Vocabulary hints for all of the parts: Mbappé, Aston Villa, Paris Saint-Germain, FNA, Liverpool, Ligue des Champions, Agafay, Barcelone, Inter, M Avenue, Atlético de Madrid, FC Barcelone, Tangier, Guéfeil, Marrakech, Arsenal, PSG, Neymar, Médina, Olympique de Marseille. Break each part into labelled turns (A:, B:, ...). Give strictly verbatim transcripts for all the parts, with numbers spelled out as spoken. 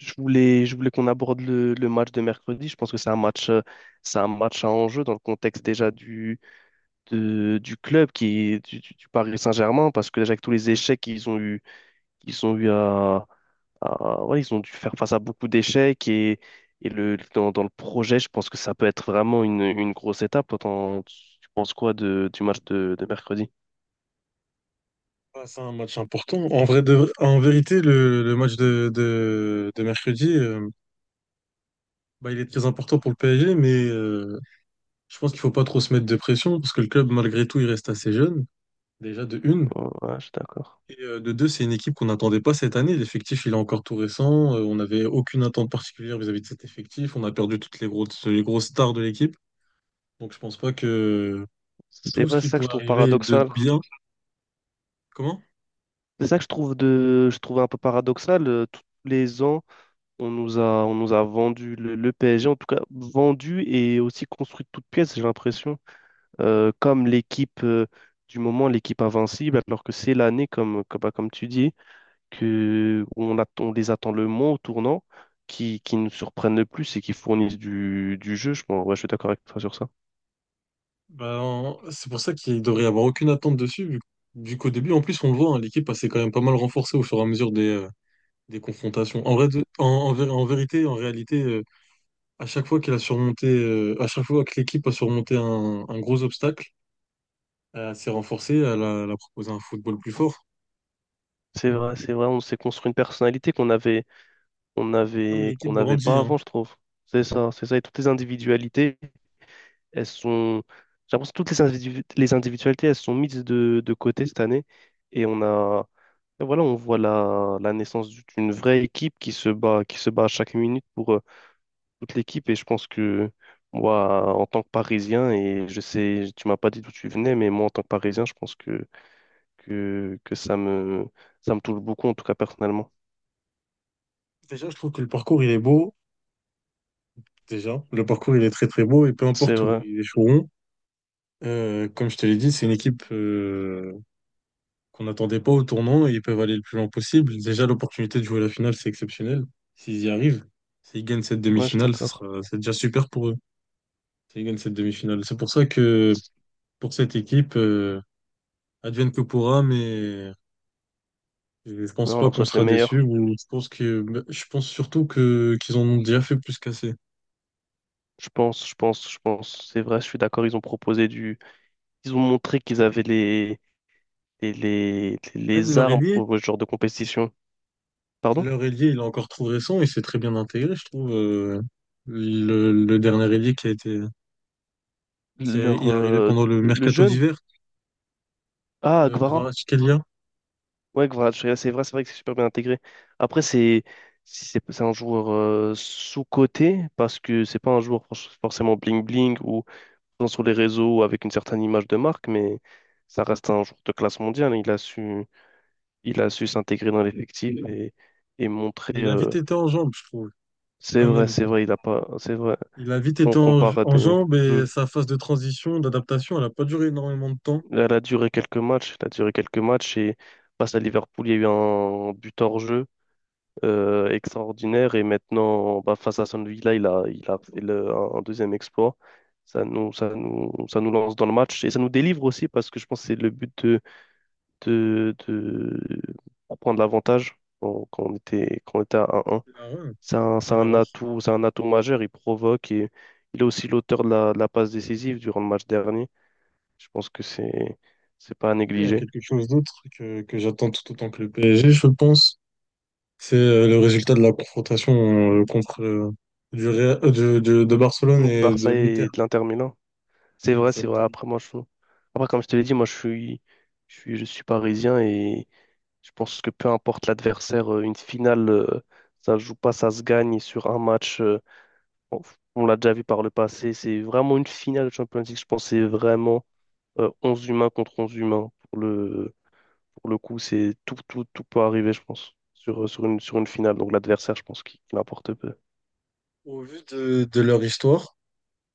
A: Je voulais, je voulais qu'on aborde le, le match de mercredi. Je pense que c'est un match, euh, c'est un match à enjeu dans le contexte déjà du, de- du club qui est du, du- du Paris Saint-Germain, parce que déjà avec tous les échecs qu'ils ont eu, ils ont eu à, à- ouais, ils ont dû faire face à beaucoup d'échecs et, et le, dans, dans le projet, je pense que ça peut être vraiment une, une grosse étape. Toi, t'en- tu penses quoi de, du match de, de mercredi?
B: Ah, c'est un match important. En vrai de- en vérité, le, le match de, de, de mercredi, euh, bah, il est très important pour le P S G, mais euh, je pense qu'il faut pas trop se mettre de pression parce que le club, malgré tout, il reste assez jeune, déjà de une.
A: Oh, ouais, je suis d'accord.
B: Et euh, de deux, c'est une équipe qu'on n'attendait pas cette année. L'effectif, il est encore tout récent. Euh, on n'avait aucune attente particulière vis-à-vis de cet effectif. On a perdu toutes les grosses, les grosses stars de l'équipe. Donc je pense pas que
A: C'est
B: tout ce
A: vrai, c'est
B: qui
A: ça que je
B: pourrait
A: trouve
B: arriver de
A: paradoxal.
B: bien. Comment?
A: C'est ça que je trouve de, je trouve un peu paradoxal. euh, Tous les ans. On nous a, on nous a vendu le, le P S G, en tout cas vendu et aussi construit de toutes pièces, j'ai l'impression, euh, comme l'équipe euh, du moment, l'équipe invincible, alors que c'est l'année, comme, comme, bah, comme tu dis, que on attend, on les attend le moins au tournant, qui, qui nous surprennent le plus et qui fournissent du, du jeu. Je, pense- ouais, je suis d'accord avec toi sur ça.
B: Bah, en- c'est pour ça qu'il devrait y avoir aucune attente dessus, vu, vu qu'au début, en plus, on le voit, hein, l'équipe elle s'est quand même pas mal renforcée au fur et à mesure des, euh, des confrontations. En vrai, de- en, en vé- en vérité, en réalité, euh, à chaque fois qu'elle a surmonté, euh, à chaque fois que l'équipe a surmonté un, un gros obstacle, elle s'est renforcée, elle a, elle a proposé un football plus fort.
A: C'est vrai, c'est vrai, on s'est construit une personnalité qu'on avait, on
B: Non, mais
A: avait,
B: l'équipe
A: qu'on n'avait
B: grandit,
A: pas
B: hein.
A: avant, je trouve. C'est ça, c'est ça, et toutes les individualités. Elles sont. J'ai l'impression que toutes les, individu- les individualités, elles sont mises de, de côté cette année. Et on a. Et voilà, on voit la, la naissance d'une vraie équipe qui se bat, qui se bat à chaque minute pour euh, toute l'équipe. Et je pense que moi, en tant que Parisien, et je sais, tu m'as pas dit d'où tu venais, mais moi, en tant que Parisien, je pense que, que, que ça me, ça me touche beaucoup, en tout cas personnellement.
B: Déjà, je trouve que le parcours, il est beau. Déjà, le parcours, il est très très beau et peu
A: C'est
B: importe où
A: vrai.
B: ils échoueront. Euh, comme je te l'ai dit, c'est une équipe. Euh, qu'on n'attendait pas au tournant et ils peuvent aller le plus loin possible. Déjà, l'opportunité de jouer la finale, c'est exceptionnel. S'ils y arrivent, s'ils gagnent cette
A: Ouais, je suis
B: demi-finale, ce
A: d'accord.
B: sera, c'est déjà super pour eux. S'ils gagnent cette demi-finale. C'est pour ça que pour cette équipe, euh, advienne que pourra, mais je je pense
A: Non, on
B: pas
A: leur
B: qu'on
A: souhaite le
B: sera déçu
A: meilleur.
B: ou je pense que, bah, je pense surtout que, qu'ils en ont déjà fait plus qu'assez.
A: Je pense, je pense, je pense. C'est vrai, je suis d'accord. Ils ont proposé du. Ils ont montré qu'ils avaient les, les, les,
B: Même
A: les
B: leur
A: armes
B: ailier,
A: pour ce genre de compétition. Pardon?
B: leur ailier, il est encore trop récent, et s'est très bien intégré, je trouve. euh, le, le dernier ailier qui a été, qui
A: Leur,
B: est arrivé
A: euh,
B: pendant le
A: le
B: mercato
A: jeune?
B: d'hiver,
A: Ah,
B: euh,
A: Guevara. Ouais, Guevara, Teixeira, c'est vrai, c'est vrai que c'est super bien intégré. Après, c'est si c'est c'est un joueur euh, sous-coté parce que c'est pas un joueur for- forcément bling-bling ou présent sur les réseaux avec une certaine image de marque, mais ça reste un joueur de classe mondiale. Il a su, il a su s'intégrer dans l'effectif et, et montrer.
B: mais il a vite
A: Euh,
B: été en jambes, je trouve,
A: c'est
B: quand
A: vrai,
B: même.
A: c'est vrai, il a pas. C'est vrai.
B: Il a vite
A: On
B: été en,
A: compare à
B: en
A: des.
B: jambes
A: Hmm.
B: et sa phase de transition, d'adaptation, elle n'a pas duré énormément de temps.
A: Elle a duré quelques matchs, elle a duré quelques matchs et face à Liverpool, il y a eu un but hors jeu euh, extraordinaire et maintenant bah, face à Aston Villa, il a, il a fait le- un un deuxième exploit. Ça nous, ça nous, ça nous lance dans le match et ça nous délivre aussi parce que je pense que c'est le but de, de, de prendre l'avantage quand, quand on était, quand on était à un 1.
B: Il a, ouais,
A: C'est un, c'est
B: il a
A: un
B: renforcé
A: atout, c'est un atout majeur, il provoque et il est aussi l'auteur de la, de la passe décisive durant le match dernier. Je pense que c'est c'est pas à
B: à
A: négliger.
B: quelque chose d'autre que, que j'attends tout autant que le P S G, je pense. C'est euh, le résultat de la confrontation euh, contre euh, du Real- euh, de, de- de Barcelone
A: De
B: et de
A: Barça
B: l'Inter.
A: et de l'Inter Milan. C'est vrai, c'est vrai.
B: Exactement.
A: Après, moi, je… Après, comme je te l'ai dit, moi, je suis… je suis, je suis parisien et je pense que peu importe l'adversaire, euh, une finale, euh, ça se joue pas, ça se gagne sur un match. euh, On, on l'a déjà vu par le passé. C'est vraiment une finale de Champions League. Je pense que c'est vraiment euh, onze humains contre onze humains. Pour le, pour le coup, c'est tout, tout, tout peut arriver, je pense, sur, sur une, sur une finale. Donc, l'adversaire, je pense qu'il qu'il importe peu.
B: Au vu de, de leur histoire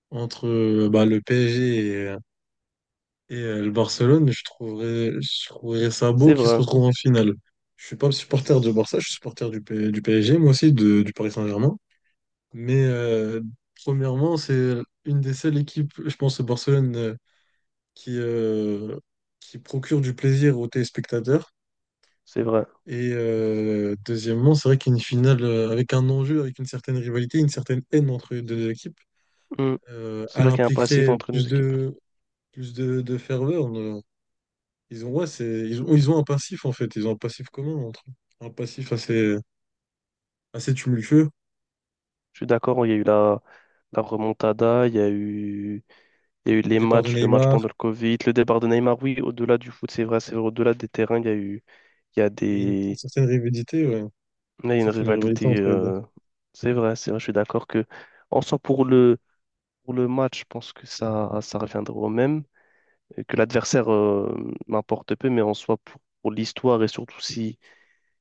B: entre euh, bah, le P S G et euh, Et euh, le Barcelone, je trouverais, je trouverais ça beau
A: C'est
B: qu'ils se
A: vrai.
B: retrouvent en finale. Je suis pas supporter de Barça, je suis supporter du, P- du P S G, moi aussi, de- du Paris Saint-Germain. Mais euh, premièrement, c'est une des seules équipes, je pense, au Barcelone, euh, qui, euh, qui procure du plaisir aux téléspectateurs.
A: C'est vrai.
B: Et euh, deuxièmement, c'est vrai qu'une finale euh, avec un enjeu, avec une certaine rivalité, une certaine haine entre les deux équipes,
A: Mm.
B: euh,
A: C'est
B: elle
A: vrai qu'il y a un passif
B: impliquerait
A: entre nos
B: plus
A: équipes.
B: de, plus de, de ferveur. Ils ont, ouais, c'est, ils ont, ils ont un passif en fait, ils ont un passif commun entre eux. Un passif assez, assez tumultueux.
A: Je suis d'accord, il y a eu la, la remontada, il y a eu, il y a eu
B: Le
A: les
B: départ de
A: matchs, le match
B: Neymar
A: pendant le Covid, le départ de Neymar. Oui, au-delà du foot, c'est vrai, c'est vrai, au-delà des terrains, il y a eu, il y a
B: et une,
A: des,
B: certaine rivalité, ouais. Une
A: il y a une
B: certaine rivalité
A: rivalité.
B: entre les deux.
A: euh, c'est vrai, c'est vrai, je suis d'accord que, en soi, pour le, pour le match, je pense que ça, ça reviendra au même, et que l'adversaire euh, m'importe peu, mais en soi, pour, pour l'histoire et surtout si,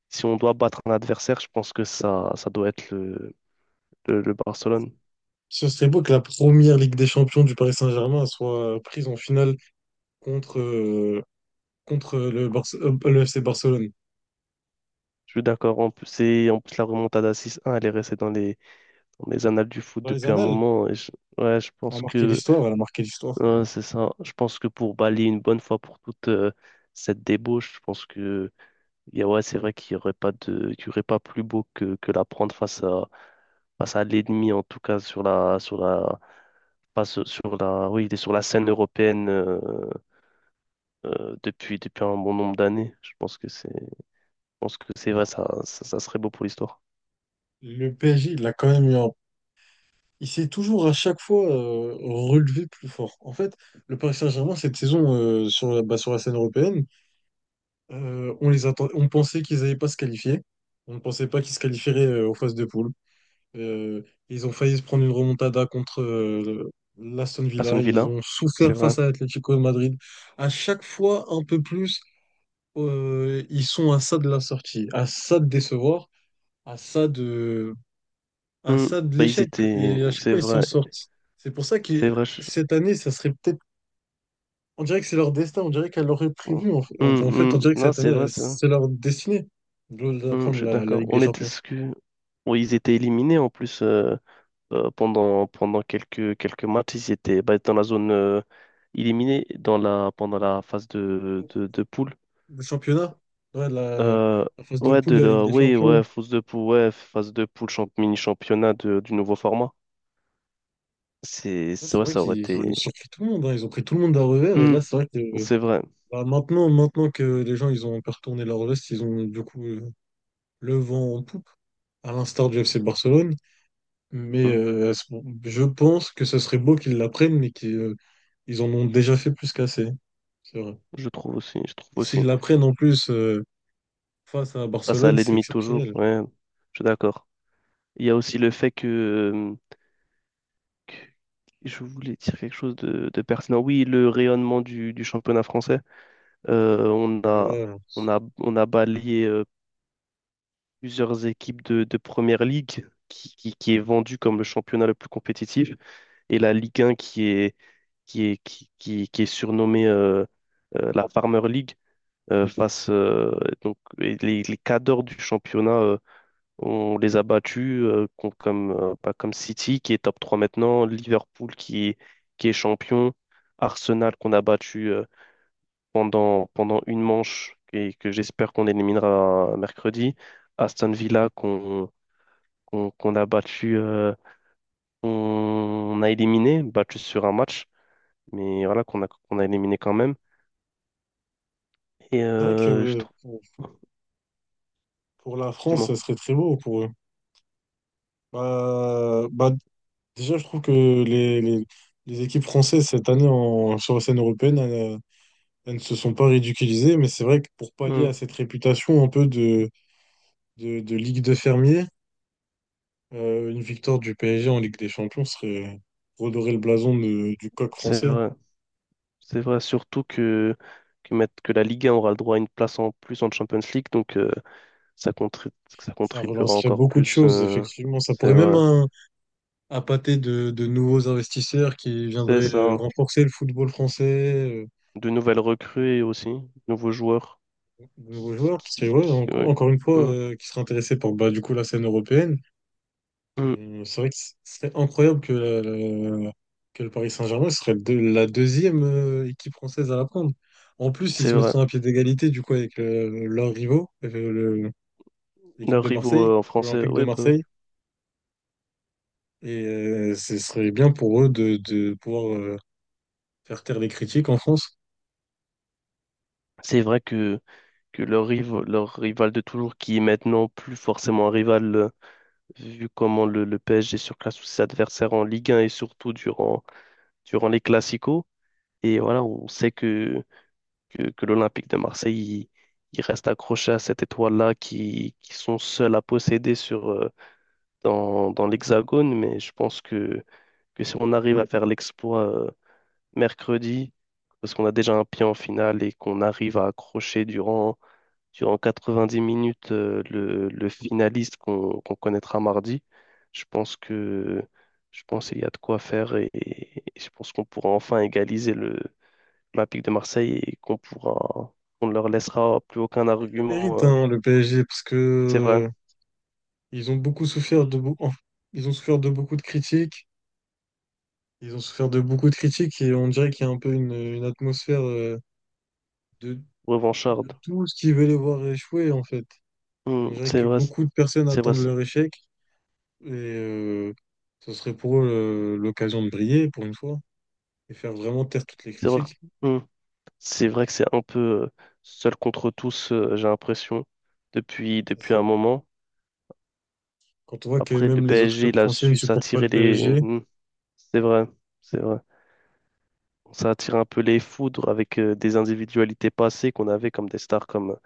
A: si on doit battre un adversaire, je pense que ça, ça doit être le le, le Barcelone.
B: Ce serait beau que la première Ligue des Champions du Paris Saint-Germain soit prise en finale contre, euh, contre le, Barce- euh, le F C Barcelone.
A: Je suis d'accord. En plus, c'est, en plus, la remontada six un, elle est restée dans les, dans les annales du foot
B: Dans les
A: depuis un
B: annales,
A: moment. Et je, ouais, je
B: elle a
A: pense
B: marqué
A: que
B: l'histoire, elle a marqué l'histoire.
A: ouais, c'est ça. Je pense que pour balayer une bonne fois pour toutes euh, cette débauche, je pense que y a- ouais, c'est vrai qu'il n'y aurait pas de, qu'il y aurait pas plus beau que, que la prendre face à, face à l'ennemi, en tout cas sur la, sur la, pas sur sur la, oui, il est sur la scène européenne euh, euh, depuis, depuis un bon nombre d'années. Je pense que c'est, je pense que c'est vrai, ça, ça ça serait beau pour l'histoire.
B: Le P S G, il a quand même eu un... Il s'est toujours à chaque fois euh, relevé plus fort. En fait, le Paris Saint-Germain, cette saison, euh, sur la, bah, sur la scène européenne, Euh, on les atten- on pensait qu'ils n'allaient pas se qualifier. On ne pensait pas qu'ils se qualifieraient euh, aux phases de poule. Euh, Ils ont failli se prendre une remontada contre euh, l'Aston
A: Aston
B: Villa. Ils
A: Villa,
B: ont
A: c'est
B: souffert face
A: vrai.
B: à l'Atlético de Madrid. À chaque fois, un peu plus, euh, ils sont à ça de la sortie, à ça de décevoir, à ça de, à
A: Hmm.
B: ça de
A: Bah, ils
B: l'échec.
A: étaient.
B: Et à chaque
A: C'est
B: fois, ils s'en
A: vrai.
B: sortent. C'est pour ça
A: C'est
B: que
A: vrai. je-
B: cette année, ça serait peut-être on dirait que c'est leur destin, on dirait qu'elle l'aurait
A: Hmm,
B: prévu. En fait, en en fait, on
A: hmm.
B: dirait que
A: Non,
B: cette
A: c'est
B: année,
A: vrai,
B: elle-
A: c'est vrai.
B: c'est leur destinée de de
A: Hmm, je
B: prendre
A: suis
B: la, la
A: d'accord.
B: Ligue des
A: On était
B: Champions.
A: ce que. Oui, ils étaient éliminés en plus euh, euh, pendant, pendant quelques, quelques matchs. Ils étaient bah, dans la zone euh, éliminée dans la, pendant la phase de, de, de poule.
B: Le championnat, ouais, la,
A: Euh,
B: la phase de
A: ouais,
B: poule
A: de
B: de la Ligue
A: la,
B: des
A: oui,
B: Champions.
A: ouais, phase de poule, ouais, phase de poule, champ- mini-championnat de- du nouveau format. C'est,
B: Ouais,
A: c'est-
B: c'est
A: ouais,
B: vrai
A: ça aurait
B: qu'ils ils ont
A: été.
B: surpris tout le monde, hein. Ils ont pris tout le monde à revers. Et
A: Hmm,
B: là, c'est vrai que euh,
A: c'est vrai.
B: bah, maintenant, maintenant que les gens ils ont un peu retourné leur veste, ils ont du coup euh, le vent en poupe, à l'instar du F C Barcelone. Mais
A: Hmm,
B: euh, je pense que ce serait beau qu'ils l'apprennent, mais qu'ils euh, ils en ont déjà fait plus qu'assez. C'est vrai.
A: je trouve aussi, je trouve
B: Et
A: aussi.
B: s'ils l'apprennent en plus. Euh, face à
A: Face à
B: Barcelone, c'est
A: l'ennemi toujours,
B: exceptionnel.
A: ouais, je suis d'accord. Il y a aussi le fait que, euh, que- je voulais dire quelque chose de, de pertinent. Oui, le rayonnement du, du championnat français, euh, on a,
B: Ouais.
A: on a, on a balayé euh, plusieurs équipes de, de première ligue qui, qui, qui est vendue comme le championnat le plus compétitif et la Ligue un qui est, qui est, qui, qui, qui est surnommée euh, euh, la Farmer League euh, face euh, donc, et les, les cadors du championnat. euh, On les a battus euh, com- comme, euh, pas comme City qui est top trois maintenant, Liverpool qui est, qui est champion, Arsenal qu'on a battu euh, pendant, pendant une manche et que j'espère qu'on éliminera mercredi, Aston Villa qu'on qu'on, qu'on a battu, euh, on a éliminé, battu sur un match, mais voilà qu'on a, qu'on a éliminé quand même. Et
B: C'est vrai
A: euh, je
B: que
A: trouve,
B: pour, pour la
A: du
B: France,
A: moins,
B: ça serait très beau pour eux. Bah, bah, déjà, je trouve que les, les, les équipes françaises cette année en, sur la scène européenne, elles, elles ne se sont pas ridiculisées, mais c'est vrai que pour pallier à cette réputation un peu de, de, de Ligue de fermiers, euh, une victoire du P S G en Ligue des Champions serait redorer le blason de- du coq
A: c'est
B: français.
A: vrai. C'est vrai, surtout que, que, mettre- que la Ligue un aura le droit à une place en plus en Champions League, donc euh, ça, contri- ça
B: Ça
A: contribuera
B: relancerait
A: encore
B: beaucoup de
A: plus.
B: choses,
A: Euh,
B: effectivement. Ça
A: c'est
B: pourrait même
A: vrai.
B: appâter de, de nouveaux investisseurs qui
A: C'est
B: viendraient euh,
A: ça.
B: renforcer le football français, euh,
A: De nouvelles recrues et aussi, nouveaux joueurs
B: de nouveaux
A: qui, qui,
B: joueurs, qui seraient
A: qui,
B: ouais,
A: qui-
B: en-
A: ouais.
B: encore une fois,
A: Hum,
B: euh, qui seraient intéressés par bah, du coup, la scène européenne.
A: hum,
B: Euh, c'est vrai que ce serait incroyable que, la- la- que le Paris Saint-Germain serait de, la deuxième euh, équipe française à la prendre. En plus, ils
A: c'est
B: se
A: vrai.
B: mettraient à pied d'égalité du coup avec le- leurs rivaux, euh, le- l'équipe
A: Leurs
B: de
A: rivaux
B: Marseille,
A: euh, en français,
B: l'Olympique de
A: ouais, bah oui.
B: Marseille. Et euh, ce serait bien pour eux de, de pouvoir euh, faire taire les critiques en France.
A: C'est vrai que, que leur, riv- leur rival de toujours, qui est maintenant plus forcément un rival, euh, vu comment le, le P S G surclasse tous ses adversaires en Ligue un et surtout durant, durant les Classicos. Et voilà, on sait que, que, que l'Olympique de Marseille, il, il reste accroché à cette étoile-là qui, qui sont seuls à posséder sur, euh, dans, dans l'Hexagone. Mais je pense que, que si on arrive à faire l'exploit euh, mercredi, parce qu'on a déjà un pied en finale et qu'on arrive à accrocher durant, durant quatre-vingt-dix minutes euh, le, le finaliste qu'on qu'on connaîtra mardi, je pense que je pense qu'il y a de quoi faire et, et je pense qu'on pourra enfin égaliser le l'Olympique de Marseille et qu'on pourra, on ne leur laissera plus aucun
B: Il le mérite
A: argument. Euh,
B: hein, le P S G, parce
A: c'est
B: que
A: vrai,
B: euh, ils ont beaucoup souffert de beau- enfin, ils ont souffert de beaucoup de critiques. Ils ont souffert de beaucoup de critiques et on dirait qu'il y a un peu une, une atmosphère euh, de, de
A: revancharde.
B: tous qui veulent les voir échouer, en fait.
A: Hmm,
B: On dirait
A: c'est
B: que
A: vrai,
B: beaucoup de personnes
A: c'est vrai,
B: attendent
A: ça.
B: leur échec et euh, ce serait pour eux euh, l'occasion de briller pour une fois et faire vraiment taire toutes les
A: C'est vrai.
B: critiques.
A: Hmm. C'est vrai que c'est un peu euh, seul contre tous, euh, j'ai l'impression, depuis,
B: C'est
A: depuis un
B: ça.
A: moment.
B: Quand on voit que
A: Après, le
B: même les autres
A: P S G,
B: clubs
A: il a
B: français ne
A: su
B: supportent pas le
A: s'attirer les.
B: P S G,
A: Hmm, c'est vrai, c'est vrai. Ça attire un peu les foudres avec euh, des individualités passées qu'on avait comme des stars comme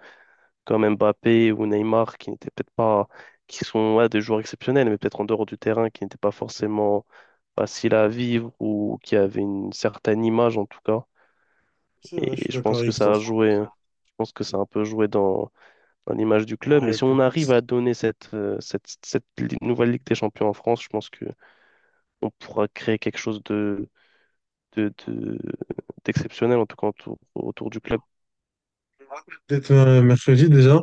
A: comme Mbappé ou Neymar, qui n'étaient peut-être pas, qui sont ouais, des joueurs exceptionnels, mais peut-être en dehors du terrain, qui n'étaient pas forcément faciles à vivre ou qui avaient une certaine image en tout cas.
B: c'est vrai, je
A: Et
B: suis
A: je
B: d'accord
A: pense que
B: avec toi.
A: ça a joué, hein. Je pense que ça a un peu joué dans, dans l'image du club. Mais
B: Ouais,
A: si on
B: écoute,
A: arrive à donner cette, euh, cette, cette li- nouvelle Ligue des Champions en France, je pense que on pourra créer quelque chose de, de, de- d'exceptionnel, en tout cas autour, autour du club.
B: peut-être euh, mercredi déjà.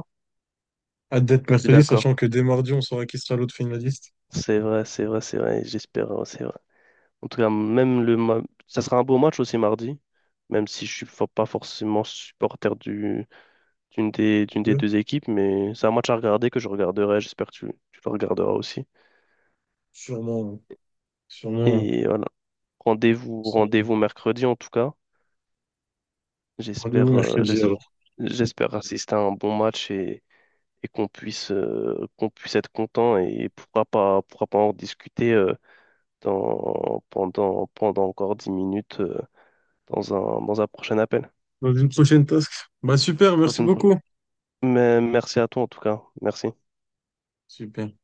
B: Hâte d'être
A: Je suis
B: mercredi, sachant
A: d'accord.
B: que dès mardi, on saura qui sera l'autre finaliste.
A: C'est vrai, c'est vrai, c'est vrai. J'espère, c'est vrai. En tout cas, même le ma- ça sera un beau match aussi mardi, même si je suis fo- pas forcément supporter du d'une des
B: Les
A: d'une des
B: deux.
A: deux équipes, mais c'est un match à regarder que je regarderai. J'espère que tu, tu le regarderas aussi.
B: Sûrement, euh, sûrement. euh,
A: Et voilà. Rendez-vous
B: sans-
A: rendez-vous mercredi en tout cas.
B: Rendez-vous
A: J'espère euh, j'es-
B: mercredi alors.
A: j'espère assister à un bon match et, et qu'on puisse euh, qu'on puisse être content et pourra pas pourra pas en discuter euh, dans pendant pendant encore dix minutes euh, dans un dans un prochain appel.
B: Dans une prochaine task. Bah super,
A: Dans
B: merci
A: une prochaine.
B: beaucoup.
A: Mais merci à toi en tout cas. Merci.
B: Super.